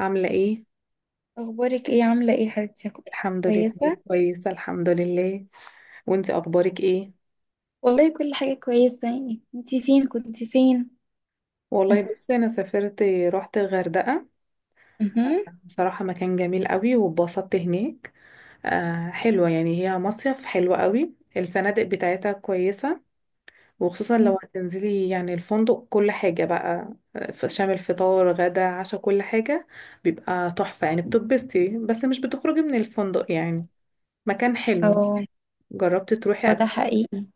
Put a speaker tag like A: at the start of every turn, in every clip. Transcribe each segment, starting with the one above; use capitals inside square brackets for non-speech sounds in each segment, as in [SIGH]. A: عاملة ايه؟
B: اخبارك ايه؟ عامله ايه حبيبتي؟
A: الحمد لله.
B: كويسه.
A: كويسة الحمد لله. وانتي اخبارك ايه؟
B: والله كل حاجة كويسة، يعني انتي فين؟ كنت فين؟
A: والله بصي انا سافرت، رحت الغردقة.
B: اها.
A: بصراحة مكان جميل قوي واتبسطت هناك. آه حلوة، يعني هي مصيف حلو قوي، الفنادق بتاعتها كويسة، وخصوصا لو هتنزلي يعني الفندق كل حاجة بقى شامل فطار غدا عشاء كل حاجة، بيبقى تحفة يعني، بتتبسطي بس مش بتخرجي من الفندق يعني. مكان حلو.
B: اه،
A: جربتي تروحي
B: هو
A: قبل؟
B: ده حقيقي.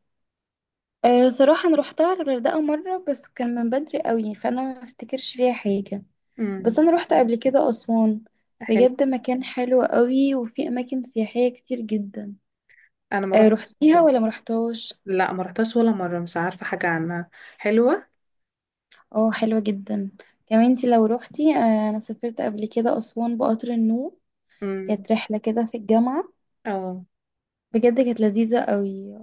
B: أه صراحة انا روحتها الغردقة مرة بس كان من بدري قوي فانا ما افتكرش فيها حاجة.
A: مم،
B: بس انا روحت قبل كده اسوان.
A: حلو.
B: بجد مكان حلو قوي وفي اماكن سياحية كتير جدا.
A: انا ما
B: أه
A: رحتش.
B: روحتيها ولا ما روحتهاش؟
A: لا ما رحتهاش ولا مرة، مش عارفة حاجة عنها. حلوة.
B: اه حلوة جدا. كمان انتي لو روحتي، أه انا سافرت قبل كده اسوان بقطر النوم.
A: امم.
B: كانت رحلة كده في الجامعة.
A: اه.
B: بجد كانت لذيذة قوي.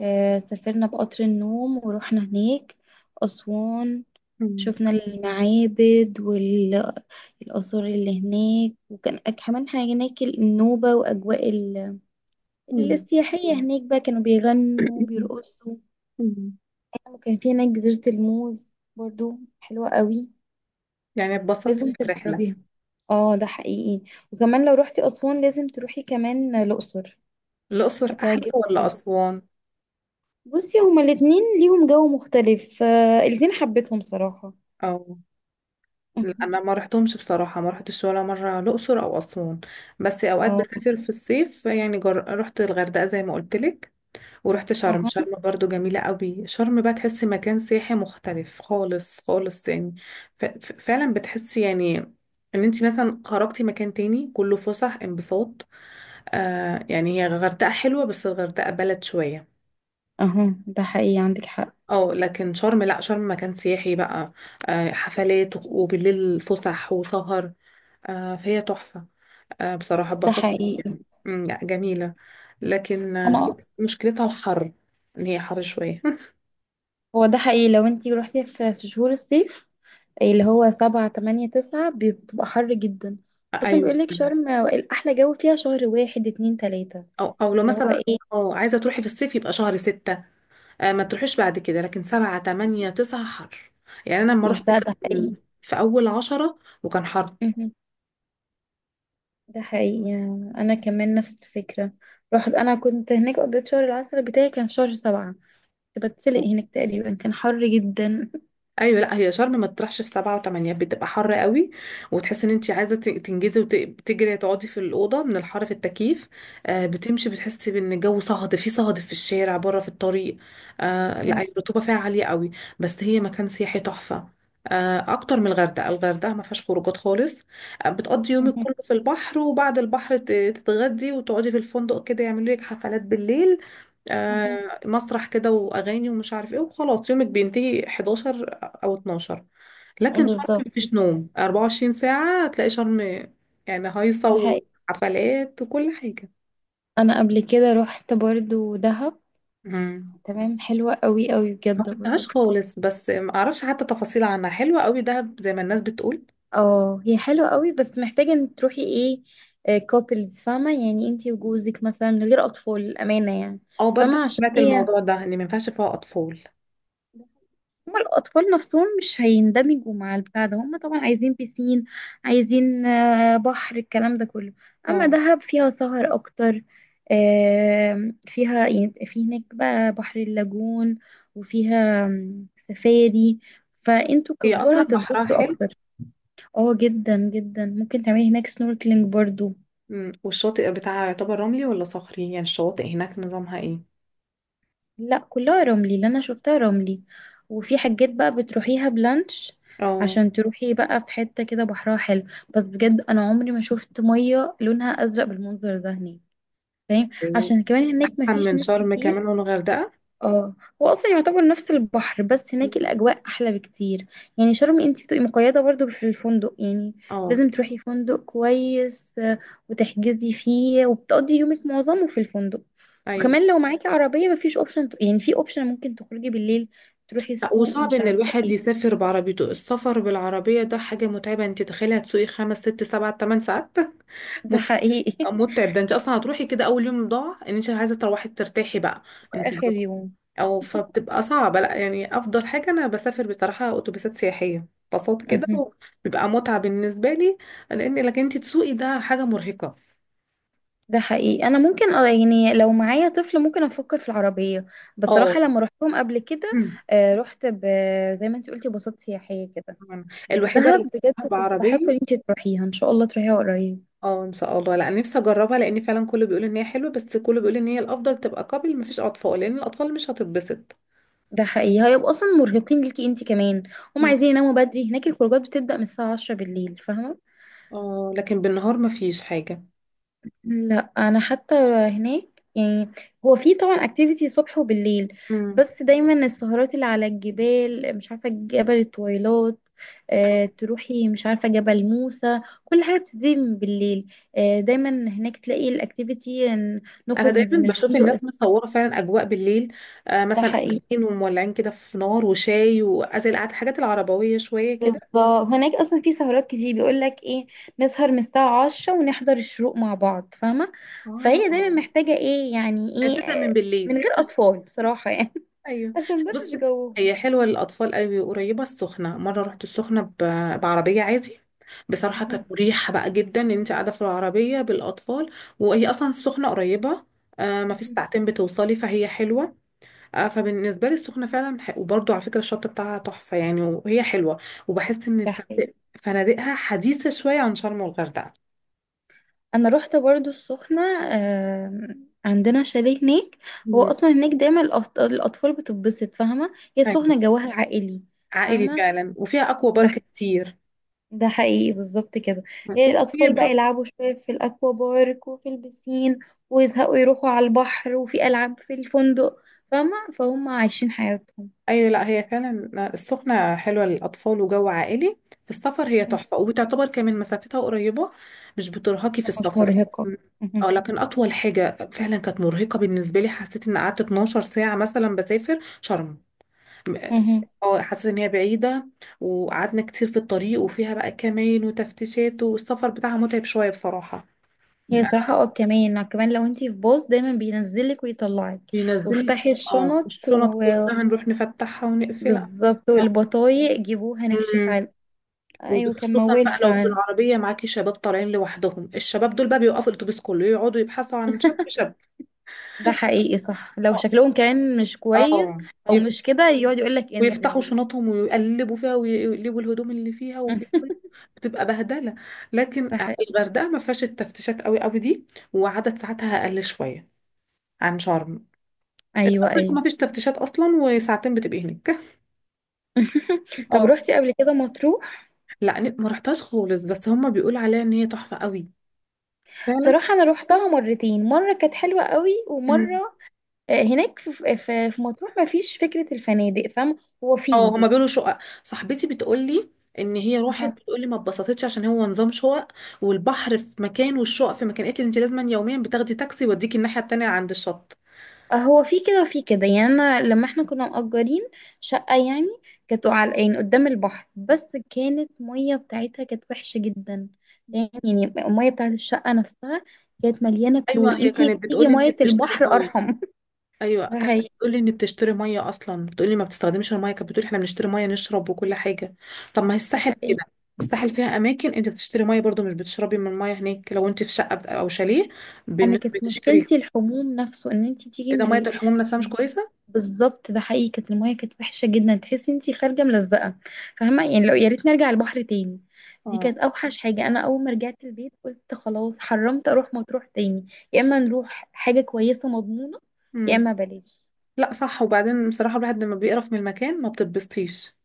B: سافرنا بقطر النوم ورحنا هناك أسوان.
A: مم.
B: شفنا المعابد والآثار اللي هناك، وكان كمان حاجة هناك النوبة وأجواء
A: مم.
B: السياحية هناك بقى كانوا بيغنوا بيرقصوا.
A: مم.
B: وكان في هناك جزيرة الموز برضو حلوة قوي.
A: يعني اتبسطت
B: لازم
A: في الرحلة.
B: تجربيها. اه ده حقيقي. وكمان لو روحتي أسوان لازم تروحي كمان الأقصر.
A: الأقصر أحلى
B: هتعجبك.
A: ولا أسوان؟
B: بصي هما الاتنين ليهم جو مختلف، الاتنين حبيتهم صراحة.
A: أو. لا أنا
B: [LAUGHS]
A: ما رحتهمش بصراحة، ما رحتش ولا مرة الأقصر أو أسوان. بس أوقات
B: اه.
A: بسافر في الصيف، يعني رحت الغردقة زي ما قلت لك. ورحت شرم،
B: اه.
A: برضو جميلة قوي. شرم بقى تحسي مكان سياحي مختلف خالص خالص يعني. فعلا بتحسي يعني ان انت مثلا خرجتي مكان تاني، كله فسح انبساط. آه يعني هي الغردقة حلوة بس الغردقة بلد شوية.
B: اه ده حقيقي عندك حق.
A: اه لكن شرم لا، شرم مكان سياحي بقى. حفلات وبالليل فسح وسهر. آه فهي تحفة. آه بصراحة
B: ده
A: اتبسطت
B: حقيقي.
A: يعني. لا جميلة. لكن
B: انا.
A: مشكلتها الحر، ان هي حر شوية.
B: هو ده حقيقي لو انتي روحتي في شهور الصيف اللي هو سبعة تمانية تسعة بتبقى حر جدا.
A: [LAUGHS]
B: اصلا
A: ايوه.
B: بيقولك شرم احلى جو فيها شهر واحد اتنين تلاتة.
A: او لو
B: اللي هو
A: مثلا،
B: ايه.
A: اه عايزه تروحي في الصيف يبقى شهر ستة. آه ما تروحيش بعد كده، لكن سبعة تمانية تسعة حر. يعني انا لما رحت
B: ده
A: كان
B: حقيقي.
A: في اول عشرة وكان حر.
B: مهم. ده حقيقي. انا كمان نفس الفكرة. رحت، انا كنت هناك قضيت شهر العسل بتاعي كان شهر سبعة. كنت بتسلق هناك تقريبا، كان حر جدا.
A: ايوه لا هي شرم ما تطرحش في سبعة وثمانية، بتبقى حر قوي. وتحس ان انت عايزه تنجزي وتجري تقعدي في الاوضه من الحر في التكييف. آه بتمشي بتحسي بان الجو صهد، في الشارع بره في الطريق. آه لا
B: مم.
A: الرطوبه فيها عاليه قوي. بس هي مكان سياحي تحفه. آه اكتر من الغردقه. الغردقه ما فيهاش خروجات خالص. آه بتقضي يومك
B: مهم.
A: كله في البحر، وبعد البحر تتغدي وتقعدي في الفندق، كده يعملوا لك حفلات بالليل.
B: مهم.
A: آه مسرح كده واغاني ومش عارف ايه، وخلاص يومك بينتهي 11 او 12. لكن شرم
B: بالظبط.
A: مفيش نوم، 24 ساعة هتلاقي شرم يعني هايصة
B: ده حقيقي.
A: وحفلات وكل حاجة.
B: انا قبل كده رحت برضو دهب.
A: مم.
B: تمام حلوة قوي قوي
A: ما
B: بجد برضو.
A: رحتهاش خالص، بس ما اعرفش حتى تفاصيل عنها. حلوة قوي دهب زي ما الناس بتقول.
B: اه هي حلوة قوي بس محتاجة ان تروحي ايه، كوبلز فاهمة، يعني انتي وجوزك مثلا من غير اطفال الامانة يعني.
A: او برضه
B: فاهمة؟ عشان
A: سمعت
B: هي،
A: الموضوع ده، ان ما ينفعش فيها اطفال.
B: هما الأطفال نفسهم مش هيندمجوا مع البتاع ده، هما طبعا عايزين بيسين، عايزين بحر، الكلام ده كله. أما
A: اه.
B: دهب فيها سهر أكتر. فيها يعني في هناك بقى بحر اللاجون، وفيها سفاري. فانتوا
A: هي
B: ككبار
A: اصلا بحرها
B: هتتبسطوا
A: حلو.
B: اكتر. اه جدا جدا ممكن تعملي هناك سنوركلينج برضو.
A: والشاطئ بتاعها يعتبر رملي ولا صخري؟ يعني الشواطئ هناك نظامها ايه؟
B: لا كلها رملي اللي انا شفتها رملي. وفي حاجات بقى بتروحيها بلانش
A: اه.
B: عشان تروحي بقى في حتة كده بحرها حلو. بس بجد انا عمري ما شفت مية لونها ازرق بالمنظر ده هناك. فاهم؟
A: إيه.
B: عشان كمان هناك مفيش
A: من
B: ناس
A: شرم
B: كتير.
A: كمان والغردقة.
B: اه هو اصلا يعتبر نفس البحر بس هناك الاجواء احلى بكتير. يعني شرم انت بتبقي مقيده برضو في الفندق يعني.
A: اه.
B: لازم تروحي فندق كويس، وتحجزي فيه وبتقضي يومك معظمه في الفندق.
A: ايوه.
B: وكمان لو معاكي عربيه مفيش اوبشن، يعني في اوبشن ممكن تخرجي بالليل تروحي
A: لأ،
B: السوق
A: وصعب
B: ومش
A: ان
B: عارفه
A: الواحد
B: ايه.
A: يسافر بعربيته. السفر بالعربية ده حاجة متعبة، انت تخيلي هتسوقي خمس ست سبع تمن ساعات. [LAUGHS]
B: ده
A: متعب.
B: حقيقي. [LAUGHS]
A: متعب. ده انت اصلا هتروحي كده اول يوم ضاع، ان انت عايزة تروحي ترتاحي بقى. انت.
B: اخر يوم.
A: او فبتبقى صعبة. لا يعني افضل حاجة انا بسافر بصراحة اتوبيسات سياحية، بساط كده بيبقى متعة بالنسبة لي. لان لك انت تسوقي ده حاجة مرهقة.
B: ده حقيقي. انا ممكن يعني لو معايا طفل ممكن افكر في العربيه.
A: اه.
B: بصراحه لما رحتهم قبل كده، آه، رحت ب... زي ما انت قلتي باصات سياحيه كده.
A: [CLEARS THROAT]
B: بس
A: الوحيدة
B: دهب
A: اللي
B: بجد تستحق
A: بعربية.
B: ان انت تروحيها، ان شاء الله تروحيها قريب.
A: اه ان شاء الله. لا انا نفسي اجربها، لان فعلا كله بيقول ان هي حلوه، بس كله بيقول ان هي الافضل تبقى قبل مفيش اطفال، لان الاطفال مش هتتبسط.
B: ده حقيقي هيبقوا اصلا مرهقين ليكي انت كمان. هم
A: مم.
B: عايزين يناموا بدري، هناك الخروجات بتبدا من الساعه 10 بالليل فاهمه.
A: اه لكن بالنهار مفيش حاجه.
B: لا انا حتى هناك، يعني هو في طبعا اكتيفيتي صبح وبالليل.
A: مم.
B: بس دايما السهرات اللي على الجبال، مش عارفه جبل التويلات، تروحي مش عارفه جبل موسى، كل حاجه بتبتدي من بالليل. دايما هناك تلاقي الاكتيفيتي إن
A: انا
B: نخرج من
A: دايما بشوف
B: الفندق.
A: الناس مصوره فعلا اجواء بالليل. آه مثلا
B: الصبح ايه.
A: قاعدين ومولعين كده في نار وشاي، وازي القعده الحاجات العربويه شويه كده.
B: بالظبط هناك اصلا في سهرات كتير بيقول لك ايه، نسهر من الساعه 10 ونحضر الشروق مع بعض فاهمه. فهي دايما
A: اه
B: محتاجه ايه، يعني
A: يعني
B: ايه،
A: بتبدا من
B: من
A: بالليل.
B: غير اطفال بصراحه يعني.
A: ايوه.
B: عشان ده
A: بص،
B: مش جوهم.
A: هي حلوه للاطفال قوي، وقريبه السخنه. مره رحت السخنه بعربيه عادي، بصراحه
B: مهم.
A: كانت مريحه بقى جدا ان انت قاعده في العربيه بالاطفال. وهي اصلا السخنه قريبه، آه ما في
B: مهم.
A: ساعتين بتوصلي، فهي حلوه. آه فبالنسبه لي السخنه فعلا وبرضو على فكره الشط بتاعها تحفه يعني، وهي حلوه. وبحس ان
B: ده حقيقي.
A: الفنادق، فنادقها حديثه شويه عن شرم والغردقه.
B: انا رحت برضو السخنة، عندنا شاليه هناك. هو
A: مم.
B: اصلا هناك دايما الاطفال بتتبسط، فاهمة؟ هي
A: ايوه
B: السخنة جواها عائلي.
A: عائلي
B: فاهمة.
A: فعلا، وفيها اكوا
B: ده
A: بارك كتير،
B: ده حقيقي بالظبط كده. هي الاطفال بقى
A: وقريبه.
B: يلعبوا شوية في الاكوا بارك وفي البسين، ويزهقوا يروحوا على البحر، وفي العاب في الفندق. فاهمة؟ فهم عايشين حياتهم.
A: ايوه لا هي فعلا السخنه حلوه للاطفال وجو عائلي في السفر. هي
B: مهم.
A: تحفه، وبتعتبر كمان مسافتها قريبه، مش بترهقي في
B: مش
A: السفر.
B: مرهقة. مهم.
A: اه لكن اطول حاجه فعلا كانت مرهقه بالنسبه لي، حسيت ان قعدت 12 ساعه مثلا بسافر شرم. م-
B: مهم.
A: اه حسيت ان هي بعيده، وقعدنا كتير في الطريق، وفيها بقى كمان وتفتيشات، والسفر بتاعها متعب شويه بصراحه.
B: هي صراحة اه، كمان كمان لو انتي في باص دايما بينزلك ويطلعك،
A: بينزل.
B: وافتحي
A: اه
B: الشنط،
A: الشنط
B: وبالظبط.
A: كلها نروح نفتحها ونقفلها.
B: والبطايق جيبوها نكشف
A: مم.
B: عن. ايوه كان
A: وخصوصا
B: موال
A: بقى لو في
B: فعلا.
A: العربية معاكي شباب طالعين لوحدهم، الشباب دول بقى بيوقفوا الأتوبيس كله، يقعدوا يبحثوا عن شاب شاب.
B: ده حقيقي صح لو
A: اه.
B: شكلهم كمان مش كويس،
A: آه.
B: او
A: يف-
B: مش كده يقعد يقولك
A: ويفتحوا
B: انزل.
A: شنطهم ويقلبوا فيها ويقلبوا الهدوم اللي فيها وبيقولوا،
B: [LAUGHS]
A: بتبقى بهدلة. لكن
B: ده حقيقي.
A: الغردقة ما فيهاش التفتيشات قوي قوي دي، وعدد ساعاتها أقل شوية عن شرم. السفر
B: ايوه ايوه.
A: ما فيش تفتيشات أصلا، وساعتين بتبقي هناك. [LAUGHS]
B: [LAUGHS] طب
A: اه.
B: روحتي قبل كده مطروح؟
A: لا ما رحتهاش خالص، بس هما بيقولوا عليها إن هي تحفة قوي.
B: صراحة انا روحتها مرتين، مرة كانت حلوة قوي
A: فعلا.
B: ومرة، هناك في مطروح ما فيش فكرة الفنادق فاهمة. هو
A: اه
B: فيه.
A: هما بيقولوا شقق. صاحبتي بتقولي ان هي راحت، بتقولي ما اتبسطتش عشان هو نظام شقق، والبحر في مكان والشقق في مكان. قالت لي انت لازما يوميا بتاخدي تاكسي يوديكي الناحيه التانيه عند الشط.
B: هو في كده وفي كده، يعني انا لما احنا كنا مأجرين شقة يعني، كانت على يعني قدام البحر، بس كانت مية بتاعتها كانت وحشة جدا. يعني المية بتاعت الشقة نفسها كانت مليانة كلور،
A: ايوه هي
B: انتي
A: كانت
B: بتيجي
A: بتقولي ان هي
B: مية
A: بتشتري
B: البحر
A: ميه.
B: ارحم. [LAUGHS]
A: ايوه
B: ده
A: كانت
B: حقيقي.
A: بتقولي ان بتشتري ميه، اصلا بتقولي ما بتستخدمش الميه، كانت بتقولي احنا بنشتري ميه نشرب وكل حاجه. طب ما هي
B: ده
A: الساحل
B: حقيقي.
A: كده، الساحل فيها اماكن انت بتشتري ميه برضو، مش بتشربي من الميه هناك لو انت في شقه او شاليه،
B: انا كانت
A: بنشتري.
B: مشكلتي الحموم نفسه ان انت تيجي
A: ايه ده،
B: من
A: ميه الحموم نفسها مش كويسه.
B: بالظبط. ده حقيقي كانت المايه كانت وحشه جدا تحسي انت خارجه ملزقه، فاهمه؟ يعني لو يا ريت نرجع البحر تاني. دي
A: اه.
B: كانت اوحش حاجه. انا اول ما رجعت البيت قلت خلاص حرمت اروح مطروح تاني. يا اما نروح حاجه كويسه مضمونه، يا
A: امم.
B: اما بلاش.
A: لا صح، وبعدين بصراحة الواحد لما بيقرف من المكان ما بتتبسطيش.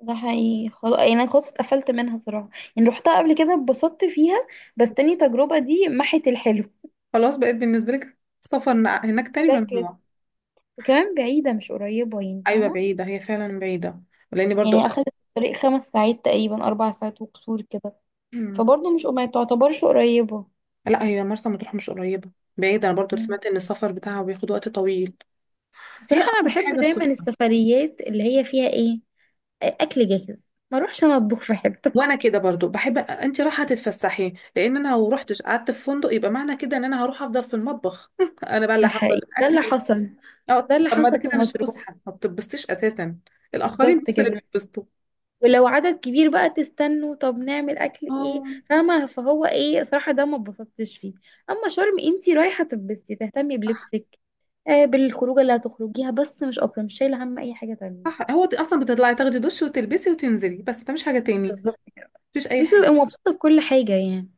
B: ده حقيقي خلاص يعني انا خلاص اتقفلت منها صراحه. يعني روحتها قبل كده اتبسطت فيها، بس تاني تجربه دي محت الحلو.
A: خلاص بقيت بالنسبة لك السفر هناك تاني
B: شكلت.
A: ممنوع.
B: وكمان بعيده مش قريبه يعني
A: أيوة
B: فاهمه.
A: بعيدة، هي فعلا بعيدة. لأني برضو.
B: يعني أخدت الطريق خمس ساعات تقريبا، أربع ساعات وكسور كده.
A: مم.
B: فبرضه مش، ما تعتبرش قريبة.
A: لا هي مرسى مطروح مش قريبة، بعيدة. أنا برضو
B: مم.
A: سمعت إن السفر بتاعها بياخد وقت طويل. هي
B: بصراحة أنا
A: أقرب
B: بحب
A: حاجة
B: دايما
A: السخنة.
B: السفريات اللي هي فيها إيه، أكل جاهز. ما أروحش أنا أطبخ في حتة.
A: وأنا كده برضو بحب أنت رايحة تتفسحي، لأن أنا لو روحتش قعدت في فندق يبقى معنى كده إن أنا هروح أفضل في المطبخ. [LAUGHS] أنا بقى اللي
B: ده
A: هحضر
B: حقيقي ده
A: الأكل.
B: اللي حصل.
A: أه.
B: ده اللي
A: طب ما
B: حصل
A: ده
B: في
A: كده مش
B: مطروح.
A: فسحة، ما بتتبسطيش أساسا. الآخرين
B: بالظبط
A: بس اللي
B: كده.
A: بيتبسطوا.
B: ولو عدد كبير بقى تستنوا طب نعمل أكل إيه.
A: اه
B: فاهمة؟ فهو إيه صراحة ده ما اتبسطتش فيه. أما شرم أنتي رايحة تبستي، تهتمي بلبسك، بالخروجة اللي هتخرجيها بس مش أكتر، مش شايلة هم أي حاجة تانية.
A: صح، هو اصلا بتطلعي تاخدي دش وتلبسي وتنزلي بس، ده مش حاجه تاني،
B: بالظبط.
A: مفيش اي
B: انت تبقي
A: حاجه.
B: مبسوطة بكل حاجة يعني.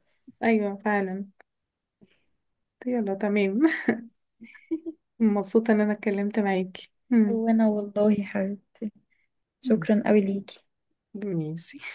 A: ايوه فعلا. يلا تمام. [LAUGHS] مبسوطه ان انا اتكلمت معاكي.
B: وانا والله يا حبيبتي،
A: مم.
B: شكرا قوي ليكي.
A: ماشي.